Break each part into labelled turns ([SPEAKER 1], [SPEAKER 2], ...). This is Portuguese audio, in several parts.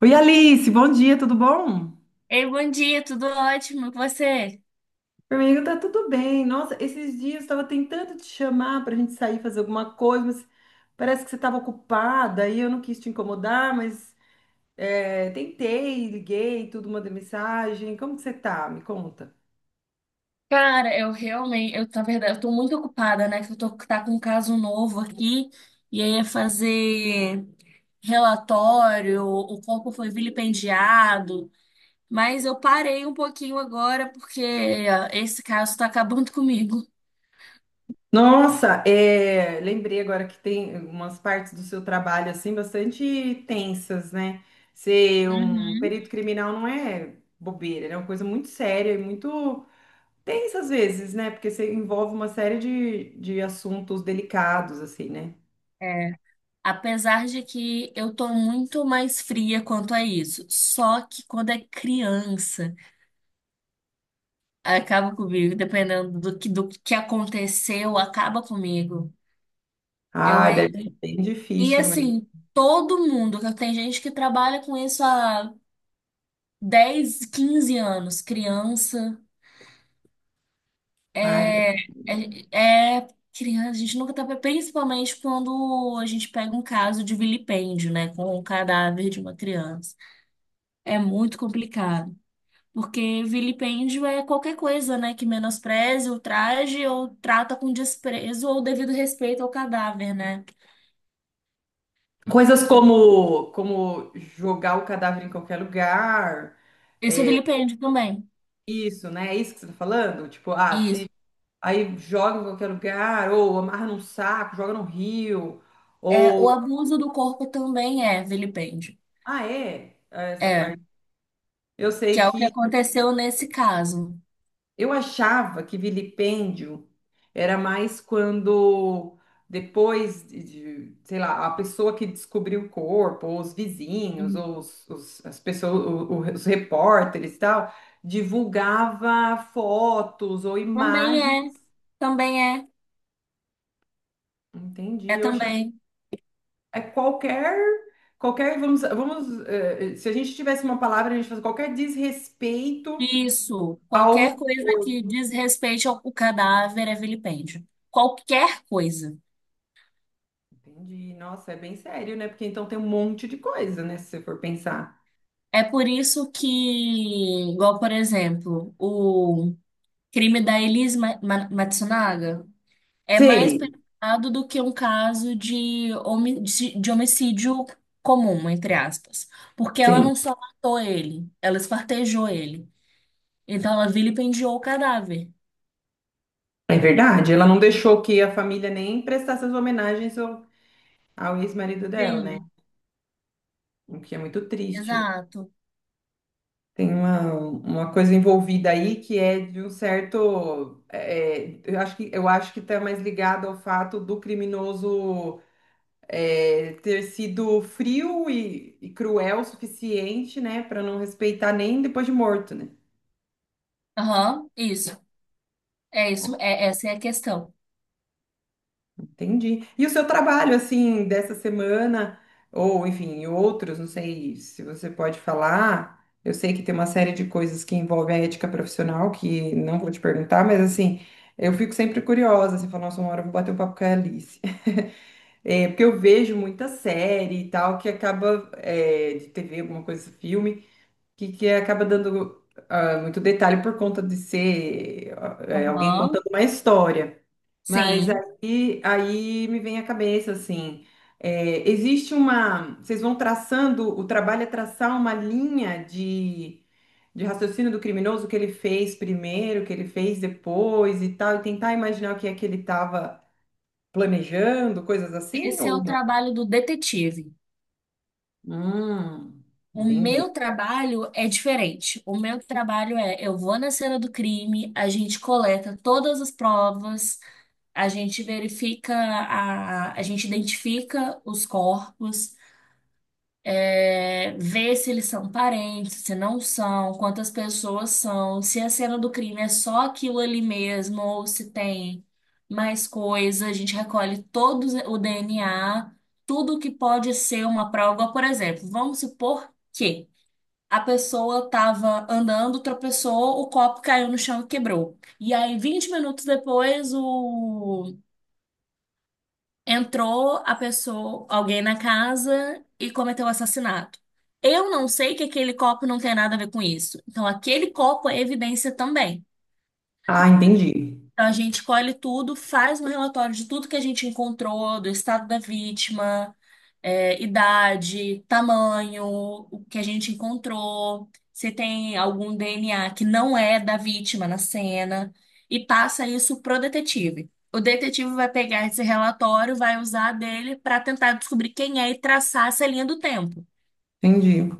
[SPEAKER 1] Oi, Alice, bom dia, tudo bom?
[SPEAKER 2] Ei, bom dia, tudo ótimo, e você?
[SPEAKER 1] Amigo, tá tudo bem. Nossa, esses dias eu estava tentando te chamar para a gente sair fazer alguma coisa, mas parece que você estava ocupada e eu não quis te incomodar, mas tentei, liguei, tudo, mandei mensagem. Como que você tá? Me conta.
[SPEAKER 2] Cara, eu realmente, na verdade, eu tô muito ocupada, né? Que eu tô tá com um caso novo aqui, e aí é fazer relatório, o corpo foi vilipendiado, mas eu parei um pouquinho agora porque ó, esse caso tá acabando comigo.
[SPEAKER 1] Nossa, lembrei agora que tem umas partes do seu trabalho assim bastante tensas, né? Ser um
[SPEAKER 2] Uhum.
[SPEAKER 1] perito criminal não é bobeira, né? É uma coisa muito séria e muito. Tem às vezes, né? Porque você envolve uma série de assuntos delicados, assim, né?
[SPEAKER 2] É. Apesar de que eu tô muito mais fria quanto a isso, só que quando é criança. Acaba comigo, dependendo do que aconteceu, acaba comigo. Eu,
[SPEAKER 1] Ah, deve ser bem
[SPEAKER 2] e
[SPEAKER 1] difícil mesmo.
[SPEAKER 2] assim, todo mundo, que tem gente que trabalha com isso há 10 15 anos, criança,
[SPEAKER 1] Ai, deve-.
[SPEAKER 2] é, é criança, a gente nunca tá, principalmente quando a gente pega um caso de vilipêndio, né, com o cadáver de uma criança. É muito complicado. Porque vilipêndio é qualquer coisa, né, que menospreze, ultraje ou trata com desprezo ou devido respeito ao cadáver, né?
[SPEAKER 1] Coisas como jogar o cadáver em qualquer lugar,
[SPEAKER 2] Isso é vilipêndio também.
[SPEAKER 1] isso, né? É isso que você tá falando? Tipo, ah, se
[SPEAKER 2] Isso.
[SPEAKER 1] aí joga em qualquer lugar, ou amarra num saco, joga no rio,
[SPEAKER 2] É, o
[SPEAKER 1] ou.
[SPEAKER 2] abuso do corpo também é vilipêndio.
[SPEAKER 1] Ah, é? É essa
[SPEAKER 2] É,
[SPEAKER 1] parte. Eu
[SPEAKER 2] que
[SPEAKER 1] sei
[SPEAKER 2] é o que
[SPEAKER 1] que.
[SPEAKER 2] aconteceu nesse caso.
[SPEAKER 1] Eu achava que vilipêndio era mais quando depois de, sei lá, a pessoa que descobriu o corpo, ou os vizinhos,
[SPEAKER 2] Uhum.
[SPEAKER 1] ou as pessoas, os repórteres e tal, divulgava fotos ou
[SPEAKER 2] Também é,
[SPEAKER 1] imagens.
[SPEAKER 2] também é,
[SPEAKER 1] Entendi.
[SPEAKER 2] é
[SPEAKER 1] Eu achava
[SPEAKER 2] também.
[SPEAKER 1] é qualquer qualquer vamos se a gente tivesse uma palavra a gente faz qualquer desrespeito
[SPEAKER 2] Isso.
[SPEAKER 1] ao.
[SPEAKER 2] Qualquer coisa que desrespeite o cadáver é vilipêndio. Qualquer coisa.
[SPEAKER 1] Entendi. Nossa, é bem sério, né? Porque então tem um monte de coisa, né? Se você for pensar.
[SPEAKER 2] É por isso que, igual, por exemplo, o crime da Elis Matsunaga é mais
[SPEAKER 1] Sim,
[SPEAKER 2] pesado do que um caso de homicídio comum, entre aspas. Porque ela
[SPEAKER 1] sim.
[SPEAKER 2] não só matou ele, ela esfartejou ele. Então ela vilipendiou o cadáver.
[SPEAKER 1] É verdade. Ela não deixou que a família nem prestasse as homenagens ao, ao ex-marido dela, né?
[SPEAKER 2] Sim,
[SPEAKER 1] O que é muito triste.
[SPEAKER 2] exato.
[SPEAKER 1] Tem uma coisa envolvida aí que é de um certo. Eu acho que está mais ligado ao fato do criminoso ter sido frio e cruel o suficiente, né? Para não respeitar nem depois de morto, né?
[SPEAKER 2] Aham, isso. É isso, essa é a questão.
[SPEAKER 1] Entendi. E o seu trabalho, assim, dessa semana, ou enfim, outros, não sei se você pode falar. Eu sei que tem uma série de coisas que envolvem a ética profissional, que não vou te perguntar, mas assim, eu fico sempre curiosa, assim, falando, nossa, uma hora eu vou bater um papo com a Alice. Porque eu vejo muita série e tal, que acaba, de TV, alguma coisa, filme, que acaba dando, ah, muito detalhe por conta de ser, alguém contando
[SPEAKER 2] Aham,
[SPEAKER 1] uma história. Mas
[SPEAKER 2] sim.
[SPEAKER 1] aí me vem à cabeça, assim, existe uma. Vocês vão traçando, o trabalho é traçar uma linha de raciocínio do criminoso, o que ele fez primeiro, o que ele fez depois e tal, e tentar imaginar o que é que ele estava planejando, coisas assim,
[SPEAKER 2] Esse é
[SPEAKER 1] ou
[SPEAKER 2] o
[SPEAKER 1] não?
[SPEAKER 2] trabalho do detetive.
[SPEAKER 1] Hum,
[SPEAKER 2] O
[SPEAKER 1] entendi.
[SPEAKER 2] meu trabalho é diferente. O meu trabalho é, eu vou na cena do crime, a gente coleta todas as provas, a gente verifica, a gente identifica os corpos, vê se eles são parentes, se não são, quantas pessoas são, se a cena do crime é só aquilo ali mesmo ou se tem mais coisa. A gente recolhe todo o DNA, tudo que pode ser uma prova. Por exemplo, vamos supor que a pessoa tava andando, tropeçou, o copo caiu no chão e quebrou. E aí, 20 minutos depois, entrou a pessoa, alguém na casa e cometeu o assassinato. Eu não sei que aquele copo não tem nada a ver com isso. Então, aquele copo é evidência também.
[SPEAKER 1] Ah, entendi.
[SPEAKER 2] Então, a gente colhe tudo, faz um relatório de tudo que a gente encontrou, do estado da vítima, idade, tamanho, o que a gente encontrou, se tem algum DNA que não é da vítima na cena, e passa isso pro detetive. O detetive vai pegar esse relatório, vai usar dele para tentar descobrir quem é e traçar essa linha do tempo.
[SPEAKER 1] Entendi.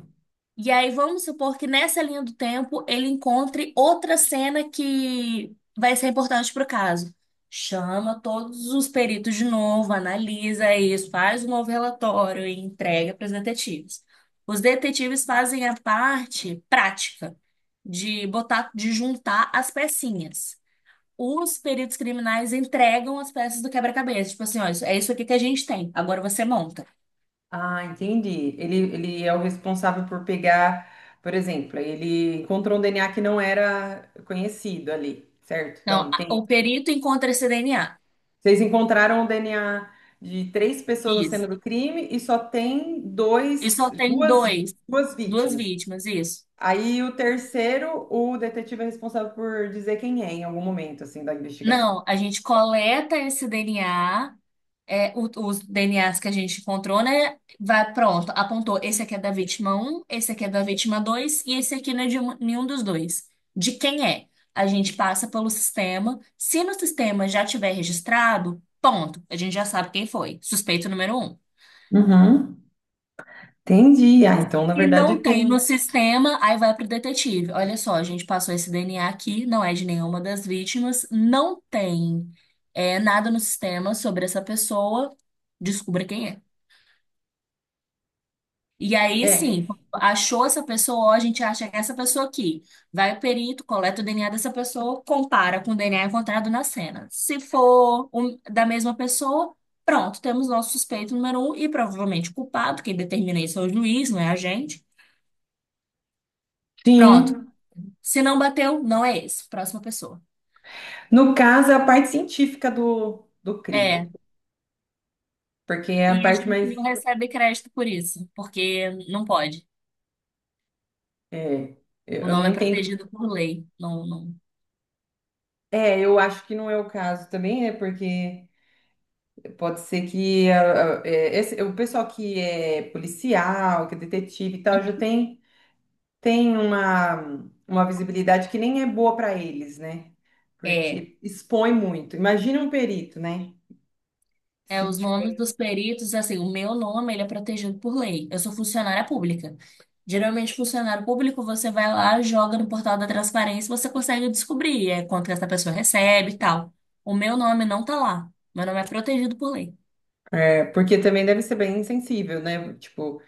[SPEAKER 2] E aí vamos supor que nessa linha do tempo ele encontre outra cena que vai ser importante para o caso. Chama todos os peritos de novo, analisa isso, faz um novo relatório e entrega para os detetives. Os detetives fazem a parte prática de botar, de juntar as pecinhas. Os peritos criminais entregam as peças do quebra-cabeça, tipo assim, ó, é isso aqui que a gente tem. Agora você monta.
[SPEAKER 1] Ah, entendi. Ele é o responsável por pegar, por exemplo, ele encontrou um DNA que não era conhecido ali, certo?
[SPEAKER 2] Então
[SPEAKER 1] Então,
[SPEAKER 2] a-
[SPEAKER 1] tem,
[SPEAKER 2] o perito encontra esse DNA.
[SPEAKER 1] vocês encontraram o DNA de três pessoas na cena
[SPEAKER 2] Isso.
[SPEAKER 1] do crime e só tem
[SPEAKER 2] E
[SPEAKER 1] dois,
[SPEAKER 2] só tem
[SPEAKER 1] duas,
[SPEAKER 2] dois,
[SPEAKER 1] duas
[SPEAKER 2] duas
[SPEAKER 1] vítimas.
[SPEAKER 2] vítimas, isso.
[SPEAKER 1] Aí o terceiro, o detetive é responsável por dizer quem é em algum momento, assim, da investigação.
[SPEAKER 2] Não, a gente coleta esse DNA, os DNAs que a gente encontrou, né? Vai, pronto, apontou. Esse aqui é da vítima um, esse aqui é da vítima 2 e esse aqui não é de nenhum dos dois. De quem é? A gente passa pelo sistema. Se no sistema já tiver registrado, ponto. A gente já sabe quem foi. Suspeito número um.
[SPEAKER 1] Uhum. Entendi. Ah, então, na
[SPEAKER 2] E
[SPEAKER 1] verdade,
[SPEAKER 2] não tem no
[SPEAKER 1] tem.
[SPEAKER 2] sistema, aí vai pro detetive. Olha só, a gente passou esse DNA aqui, não é de nenhuma das vítimas, não tem nada no sistema sobre essa pessoa, descubra quem é. E aí,
[SPEAKER 1] É.
[SPEAKER 2] sim, achou essa pessoa, ó, a gente acha que é essa pessoa aqui. Vai o perito, coleta o DNA dessa pessoa, compara com o DNA encontrado na cena. Se for da mesma pessoa, pronto, temos nosso suspeito número um e provavelmente o culpado, quem determina isso é o juiz, não é a gente. Pronto.
[SPEAKER 1] Sim.
[SPEAKER 2] Se não bateu, não é esse. Próxima pessoa.
[SPEAKER 1] No caso, é a parte científica do crime.
[SPEAKER 2] É.
[SPEAKER 1] Porque é a
[SPEAKER 2] E a
[SPEAKER 1] parte
[SPEAKER 2] gente
[SPEAKER 1] mais.
[SPEAKER 2] não recebe crédito por isso, porque não pode.
[SPEAKER 1] é,
[SPEAKER 2] O
[SPEAKER 1] eu não
[SPEAKER 2] nome é
[SPEAKER 1] entendo.
[SPEAKER 2] protegido por lei. Não, não.
[SPEAKER 1] É, eu acho que não é o caso também, né? Porque pode ser que o pessoal que é policial, que é detetive e tal, já tem, tem uma visibilidade que nem é boa para eles, né?
[SPEAKER 2] É.
[SPEAKER 1] Porque expõe muito. Imagina um perito, né?
[SPEAKER 2] É,
[SPEAKER 1] Se
[SPEAKER 2] os nomes
[SPEAKER 1] tiver-.
[SPEAKER 2] dos peritos, assim, o meu nome, ele é protegido por lei. Eu sou funcionária pública. Geralmente, funcionário público, você vai lá, joga no portal da transparência, você consegue descobrir quanto que essa pessoa recebe e tal. O meu nome não tá lá. Meu nome é protegido por lei.
[SPEAKER 1] Porque também deve ser bem insensível, né? Tipo,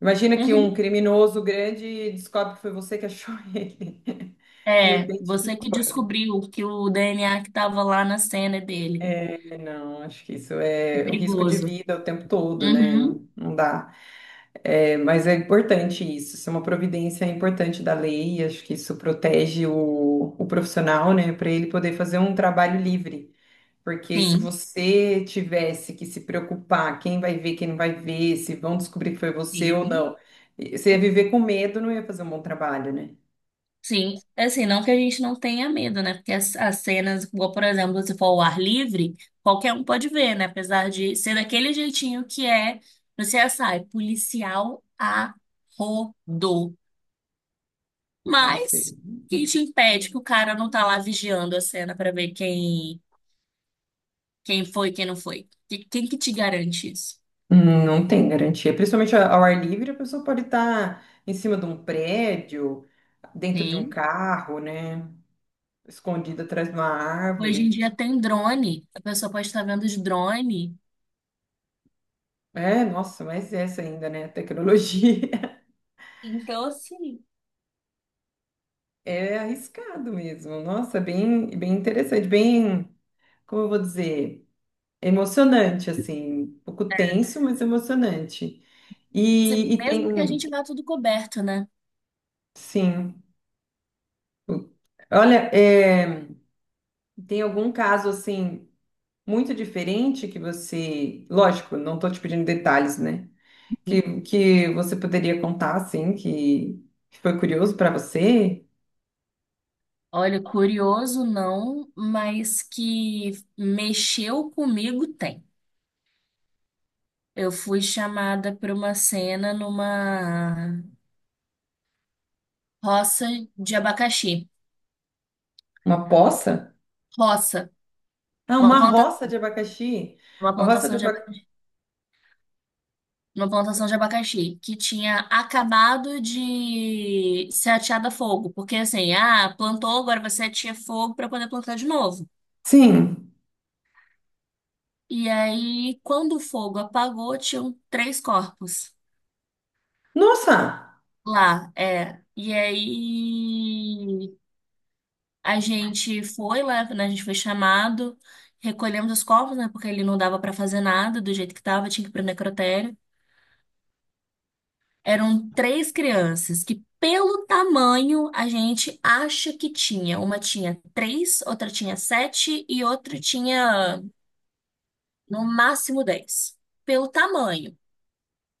[SPEAKER 1] imagina que um
[SPEAKER 2] Uhum.
[SPEAKER 1] criminoso grande descobre que foi você que achou ele, que o
[SPEAKER 2] É, você
[SPEAKER 1] identificou.
[SPEAKER 2] que descobriu que o DNA que estava lá na cena é dele.
[SPEAKER 1] É, não, acho que isso
[SPEAKER 2] É
[SPEAKER 1] é um risco de
[SPEAKER 2] perigoso.
[SPEAKER 1] vida o tempo todo, né?
[SPEAKER 2] Uhum,
[SPEAKER 1] Não, não dá. É, mas é importante isso, isso é uma providência importante da lei, acho que isso protege o profissional, né, para ele poder fazer um trabalho livre. Porque se
[SPEAKER 2] sim,
[SPEAKER 1] você tivesse que se preocupar, quem vai ver, quem não vai ver, se vão descobrir que foi você ou
[SPEAKER 2] sim,
[SPEAKER 1] não, você ia viver com medo, não ia fazer um bom trabalho, né?
[SPEAKER 2] sim. É, assim, não que a gente não tenha medo, né? Porque as cenas, igual, por exemplo, se for ao ar livre, qualquer um pode ver, né? Apesar de ser daquele jeitinho que é no CSI, policial a rodo.
[SPEAKER 1] Nossa,
[SPEAKER 2] Mas, quem te impede que o cara não tá lá vigiando a cena para ver quem foi e quem não foi? Quem que te garante isso?
[SPEAKER 1] hum, não tem garantia. Principalmente a- ao ar livre, a pessoa pode estar em cima de um prédio, dentro de um
[SPEAKER 2] Sim.
[SPEAKER 1] carro, né? Escondida atrás de uma
[SPEAKER 2] Hoje em
[SPEAKER 1] árvore.
[SPEAKER 2] dia tem drone, a pessoa pode estar vendo de drone.
[SPEAKER 1] É, nossa, mas essa ainda, né? A tecnologia.
[SPEAKER 2] Então, assim,
[SPEAKER 1] É arriscado mesmo. Nossa, bem, bem interessante, bem, como eu vou dizer, emocionante, assim. Um pouco tenso, mas emocionante.
[SPEAKER 2] se-
[SPEAKER 1] E tem,
[SPEAKER 2] mesmo que a
[SPEAKER 1] um,
[SPEAKER 2] gente vá tudo coberto, né?
[SPEAKER 1] sim. Olha, tem algum caso assim, muito diferente que você, lógico, não tô te pedindo detalhes, né? Que você poderia contar assim que foi curioso para você?
[SPEAKER 2] Olha, curioso não, mas que mexeu comigo tem. Eu fui chamada para uma cena numa roça de abacaxi.
[SPEAKER 1] Uma poça?
[SPEAKER 2] Roça,
[SPEAKER 1] Ah,
[SPEAKER 2] uma
[SPEAKER 1] uma
[SPEAKER 2] planta,
[SPEAKER 1] roça de abacaxi.
[SPEAKER 2] uma
[SPEAKER 1] A roça de
[SPEAKER 2] plantação de
[SPEAKER 1] abacaxi.
[SPEAKER 2] uma plantação de abacaxi que tinha acabado de ser ateada a fogo, porque assim, ah, plantou, agora você atia fogo para poder plantar de novo.
[SPEAKER 1] Sim.
[SPEAKER 2] E aí, quando o fogo apagou, tinham três corpos
[SPEAKER 1] Nossa.
[SPEAKER 2] lá, é. E aí a gente foi lá, né, a gente foi chamado, recolhemos os corpos, né, porque ele não dava para fazer nada do jeito que tava, tinha que ir pro necrotério. Eram três crianças que, pelo tamanho, a gente acha que tinha. Uma tinha 3, outra tinha 7 e outra tinha no máximo 10. Pelo tamanho,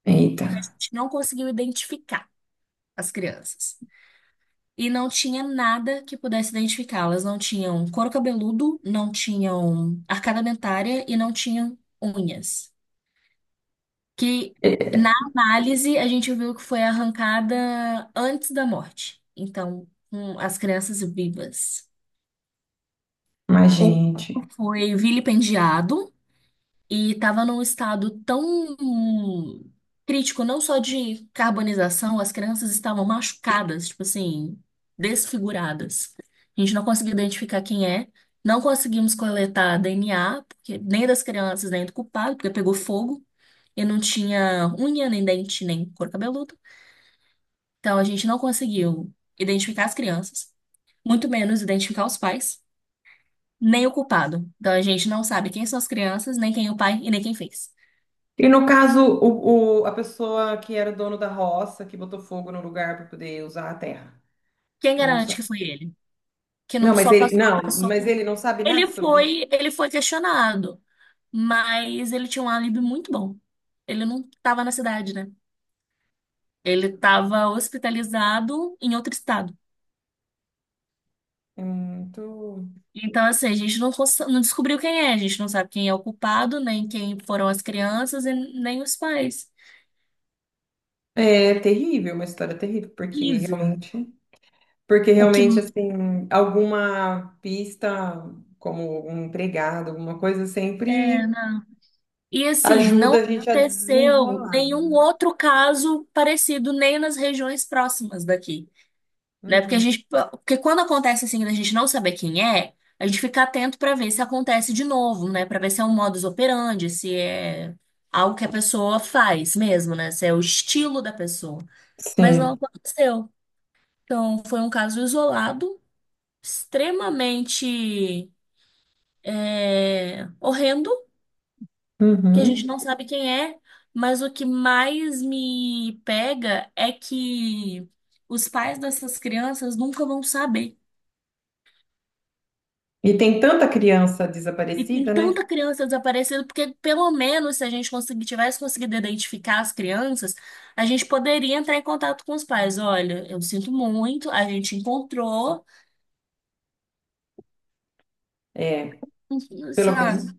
[SPEAKER 1] Eita.
[SPEAKER 2] porque a gente não conseguiu identificar as crianças. E não tinha nada que pudesse identificá-las. Não tinham couro cabeludo, não tinham arcada dentária e não tinham unhas. Que na
[SPEAKER 1] É.
[SPEAKER 2] análise a gente viu que foi arrancada antes da morte. Então, com as crianças vivas.
[SPEAKER 1] Mas
[SPEAKER 2] O
[SPEAKER 1] gente.
[SPEAKER 2] corpo foi vilipendiado e estava num estado tão crítico, não só de carbonização, as crianças estavam machucadas, tipo assim, desfiguradas. A gente não conseguiu identificar quem é. Não conseguimos coletar DNA, porque nem das crianças, nem do culpado, porque pegou fogo e não tinha unha, nem dente, nem couro cabeludo. Então, a gente não conseguiu identificar as crianças, muito menos identificar os pais, nem o culpado. Então, a gente não sabe quem são as crianças, nem quem é o pai e nem quem fez.
[SPEAKER 1] E no caso, a pessoa que era dono da roça, que botou fogo no lugar para poder usar a terra.
[SPEAKER 2] Quem
[SPEAKER 1] Não
[SPEAKER 2] garante
[SPEAKER 1] sabe.
[SPEAKER 2] que foi ele? Que não
[SPEAKER 1] Não, mas
[SPEAKER 2] só
[SPEAKER 1] ele
[SPEAKER 2] passou a
[SPEAKER 1] não, mas
[SPEAKER 2] pessoa.
[SPEAKER 1] ele não sabe nada
[SPEAKER 2] Ele
[SPEAKER 1] sobre isso.
[SPEAKER 2] foi, ele foi questionado, mas ele tinha um álibi muito bom. Ele não estava na cidade, né? Ele estava hospitalizado em outro estado.
[SPEAKER 1] É muito.
[SPEAKER 2] Então, assim, a gente não descobriu quem é, a gente não sabe quem é o culpado, nem quem foram as crianças e nem os pais.
[SPEAKER 1] É terrível, uma história terrível,
[SPEAKER 2] Horrível.
[SPEAKER 1] porque
[SPEAKER 2] O que
[SPEAKER 1] realmente assim, alguma pista, como um empregado, alguma coisa,
[SPEAKER 2] é,
[SPEAKER 1] sempre
[SPEAKER 2] né? E assim, não
[SPEAKER 1] ajuda a gente a
[SPEAKER 2] aconteceu
[SPEAKER 1] desenrolar,
[SPEAKER 2] nenhum
[SPEAKER 1] né?
[SPEAKER 2] outro caso parecido nem nas regiões próximas daqui, né? Porque a
[SPEAKER 1] Uhum.
[SPEAKER 2] gente, porque quando acontece assim, da gente não saber quem é, a gente fica atento para ver se acontece de novo, né? Para ver se é um modus operandi, se é algo que a pessoa faz mesmo, né? Se é o estilo da pessoa. Mas não
[SPEAKER 1] Sim.
[SPEAKER 2] aconteceu. Então, foi um caso isolado, extremamente horrendo. Que a
[SPEAKER 1] Uhum.
[SPEAKER 2] gente não sabe quem é, mas o que mais me pega é que os pais dessas crianças nunca vão saber.
[SPEAKER 1] E tem tanta criança
[SPEAKER 2] E tem
[SPEAKER 1] desaparecida, né?
[SPEAKER 2] tanta criança desaparecida, porque pelo menos se a gente conseguir, tivesse conseguido identificar as crianças, a gente poderia entrar em contato com os pais. Olha, eu sinto muito, a gente encontrou,
[SPEAKER 1] É, pelo
[SPEAKER 2] sabe?
[SPEAKER 1] menos,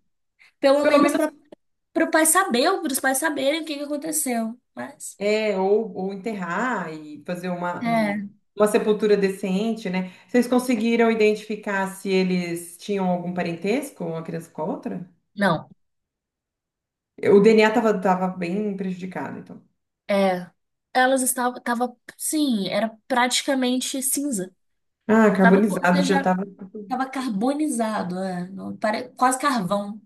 [SPEAKER 2] Pelo
[SPEAKER 1] pelo
[SPEAKER 2] menos
[SPEAKER 1] menos,
[SPEAKER 2] para o pai saber, para os pais saberem o que que aconteceu. Mas,
[SPEAKER 1] é, ou enterrar e fazer uma,
[SPEAKER 2] é,
[SPEAKER 1] um- uma sepultura decente, né? Vocês conseguiram identificar se eles tinham algum parentesco, uma criança com a outra?
[SPEAKER 2] não.
[SPEAKER 1] O DNA tava, tava bem prejudicado, então.
[SPEAKER 2] É, elas estavam, tava, sim, era praticamente cinza.
[SPEAKER 1] Ah,
[SPEAKER 2] Tava,
[SPEAKER 1] carbonizado já
[SPEAKER 2] já
[SPEAKER 1] tava.
[SPEAKER 2] tava carbonizado, não, quase carvão.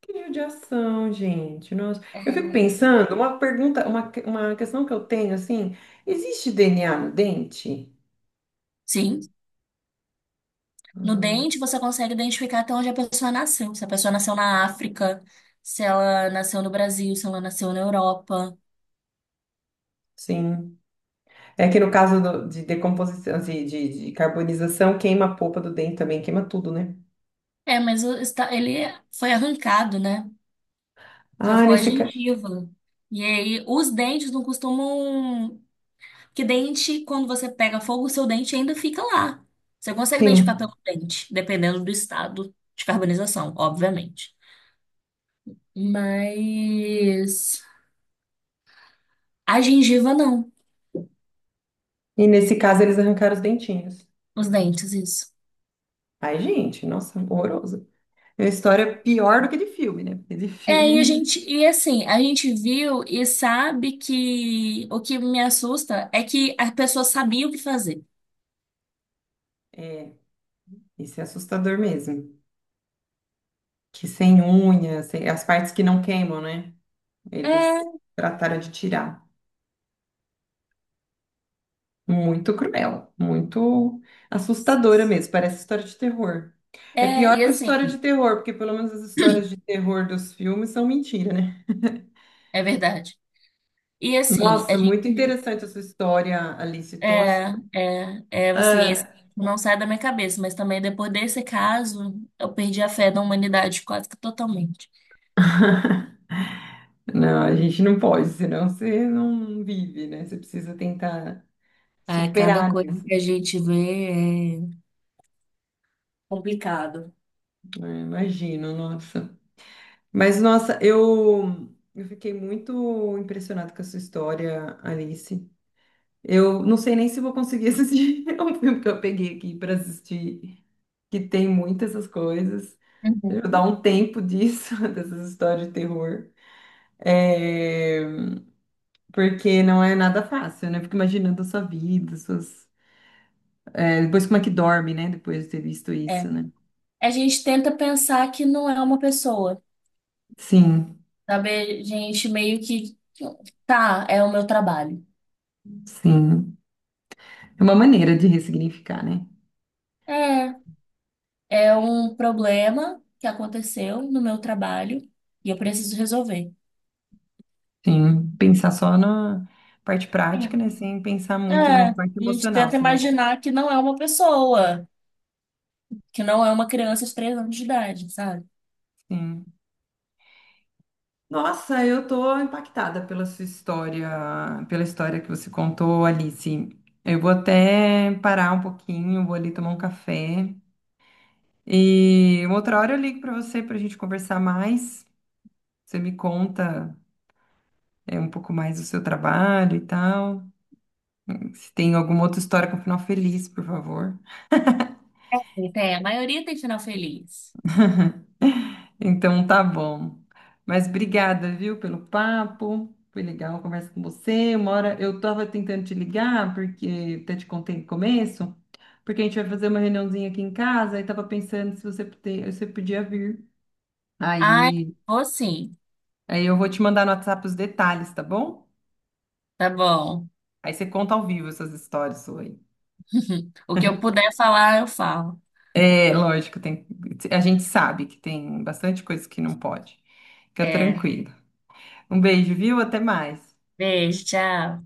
[SPEAKER 1] Que judiação, gente. Nossa. Eu fico
[SPEAKER 2] É,
[SPEAKER 1] pensando, uma pergunta, uma, que- uma questão que eu tenho, assim, existe DNA no dente?
[SPEAKER 2] sim, no
[SPEAKER 1] Não.
[SPEAKER 2] dente você consegue identificar até onde a pessoa nasceu. Se a pessoa nasceu na África, se ela nasceu no Brasil, se ela nasceu na Europa.
[SPEAKER 1] Sim. É que no caso do- de decomposição, de carbonização, queima a polpa do dente também, queima tudo, né?
[SPEAKER 2] É, mas ele foi arrancado, né? Só
[SPEAKER 1] Ah,
[SPEAKER 2] ficou a
[SPEAKER 1] nesse caso.
[SPEAKER 2] gengiva. E aí, os dentes não costumam. Que dente, quando você pega fogo, o seu dente ainda fica lá. Você consegue identificar
[SPEAKER 1] Sim.
[SPEAKER 2] pelo dente, dependendo do estado de carbonização, obviamente. Mas a gengiva não,
[SPEAKER 1] E nesse caso eles arrancaram os dentinhos.
[SPEAKER 2] os dentes, isso.
[SPEAKER 1] Ai, gente, nossa, horroroso. É uma história pior do que de filme, né? Porque de
[SPEAKER 2] É,
[SPEAKER 1] filme
[SPEAKER 2] e a
[SPEAKER 1] ainda.
[SPEAKER 2] gente, e assim, a gente viu e sabe que o que me assusta é que a pessoa sabia o que fazer.
[SPEAKER 1] É, isso é assustador mesmo. Que sem unhas, sem- as partes que não queimam, né? Eles
[SPEAKER 2] É,
[SPEAKER 1] trataram de tirar. Muito cruel, muito assustadora mesmo, parece história de terror. É
[SPEAKER 2] é,
[SPEAKER 1] pior
[SPEAKER 2] e
[SPEAKER 1] que
[SPEAKER 2] assim,
[SPEAKER 1] história de terror, porque pelo menos as histórias de terror dos filmes são mentira, né?
[SPEAKER 2] é verdade. E assim, a
[SPEAKER 1] Nossa, muito
[SPEAKER 2] gente.
[SPEAKER 1] interessante a sua história, Alice. Tô...
[SPEAKER 2] É, é, assim,
[SPEAKER 1] Ah,
[SPEAKER 2] esse não sai da minha cabeça, mas também depois desse caso, eu perdi a fé na humanidade quase que totalmente.
[SPEAKER 1] não, a gente não pode, senão você não vive, né? Você precisa tentar
[SPEAKER 2] É, cada
[SPEAKER 1] superar
[SPEAKER 2] coisa
[SPEAKER 1] isso.
[SPEAKER 2] que a gente vê é complicado.
[SPEAKER 1] Imagino, nossa. Mas, nossa, eu fiquei muito impressionada com a sua história, Alice. Eu não sei nem se vou conseguir assistir. É um filme que eu peguei aqui para assistir, que tem muitas essas coisas. Eu vou
[SPEAKER 2] Uhum,
[SPEAKER 1] dar um tempo disso, dessas histórias de terror. É, porque não é nada fácil, né? Eu fico imaginando a sua vida, suas... depois como é que dorme, né? Depois de ter visto isso,
[SPEAKER 2] é.
[SPEAKER 1] né?
[SPEAKER 2] A gente tenta pensar que não é uma pessoa,
[SPEAKER 1] Sim,
[SPEAKER 2] sabe? A gente meio que, tá, é o meu trabalho.
[SPEAKER 1] sim. É uma maneira de ressignificar, né?
[SPEAKER 2] É, é um problema que aconteceu no meu trabalho e eu preciso resolver.
[SPEAKER 1] Sim, pensar só na parte
[SPEAKER 2] É,
[SPEAKER 1] prática, né? Sem pensar muito na
[SPEAKER 2] É, a
[SPEAKER 1] parte
[SPEAKER 2] gente
[SPEAKER 1] emocional,
[SPEAKER 2] tenta
[SPEAKER 1] senão,
[SPEAKER 2] imaginar que não é uma pessoa. Que não é uma criança de 3 anos de idade, sabe?
[SPEAKER 1] sim. Nossa, eu tô impactada pela sua história, pela história que você contou, Alice. Eu vou até parar um pouquinho, vou ali tomar um café e uma outra hora eu ligo para você para a gente conversar mais. Você me conta um pouco mais do seu trabalho e tal. Se tem alguma outra história com final feliz, por favor.
[SPEAKER 2] E tem, a maioria tem final feliz.
[SPEAKER 1] Então tá bom. Mas obrigada, viu, pelo papo. Foi legal conversar com você. Uma hora eu tava tentando te ligar, porque até te contei no começo, porque a gente vai fazer uma reuniãozinha aqui em casa e tava pensando se você, pote- você podia vir.
[SPEAKER 2] Ai,
[SPEAKER 1] Aí,
[SPEAKER 2] vou sim.
[SPEAKER 1] aí eu vou te mandar no WhatsApp os detalhes, tá bom?
[SPEAKER 2] Tá bom.
[SPEAKER 1] Aí você conta ao vivo essas histórias sua aí.
[SPEAKER 2] O que eu puder falar, eu falo.
[SPEAKER 1] É, lógico, tem, a gente sabe que tem bastante coisa que não pode. Fica
[SPEAKER 2] É.
[SPEAKER 1] tranquilo. Um beijo, viu? Até mais.
[SPEAKER 2] Beijo, tchau.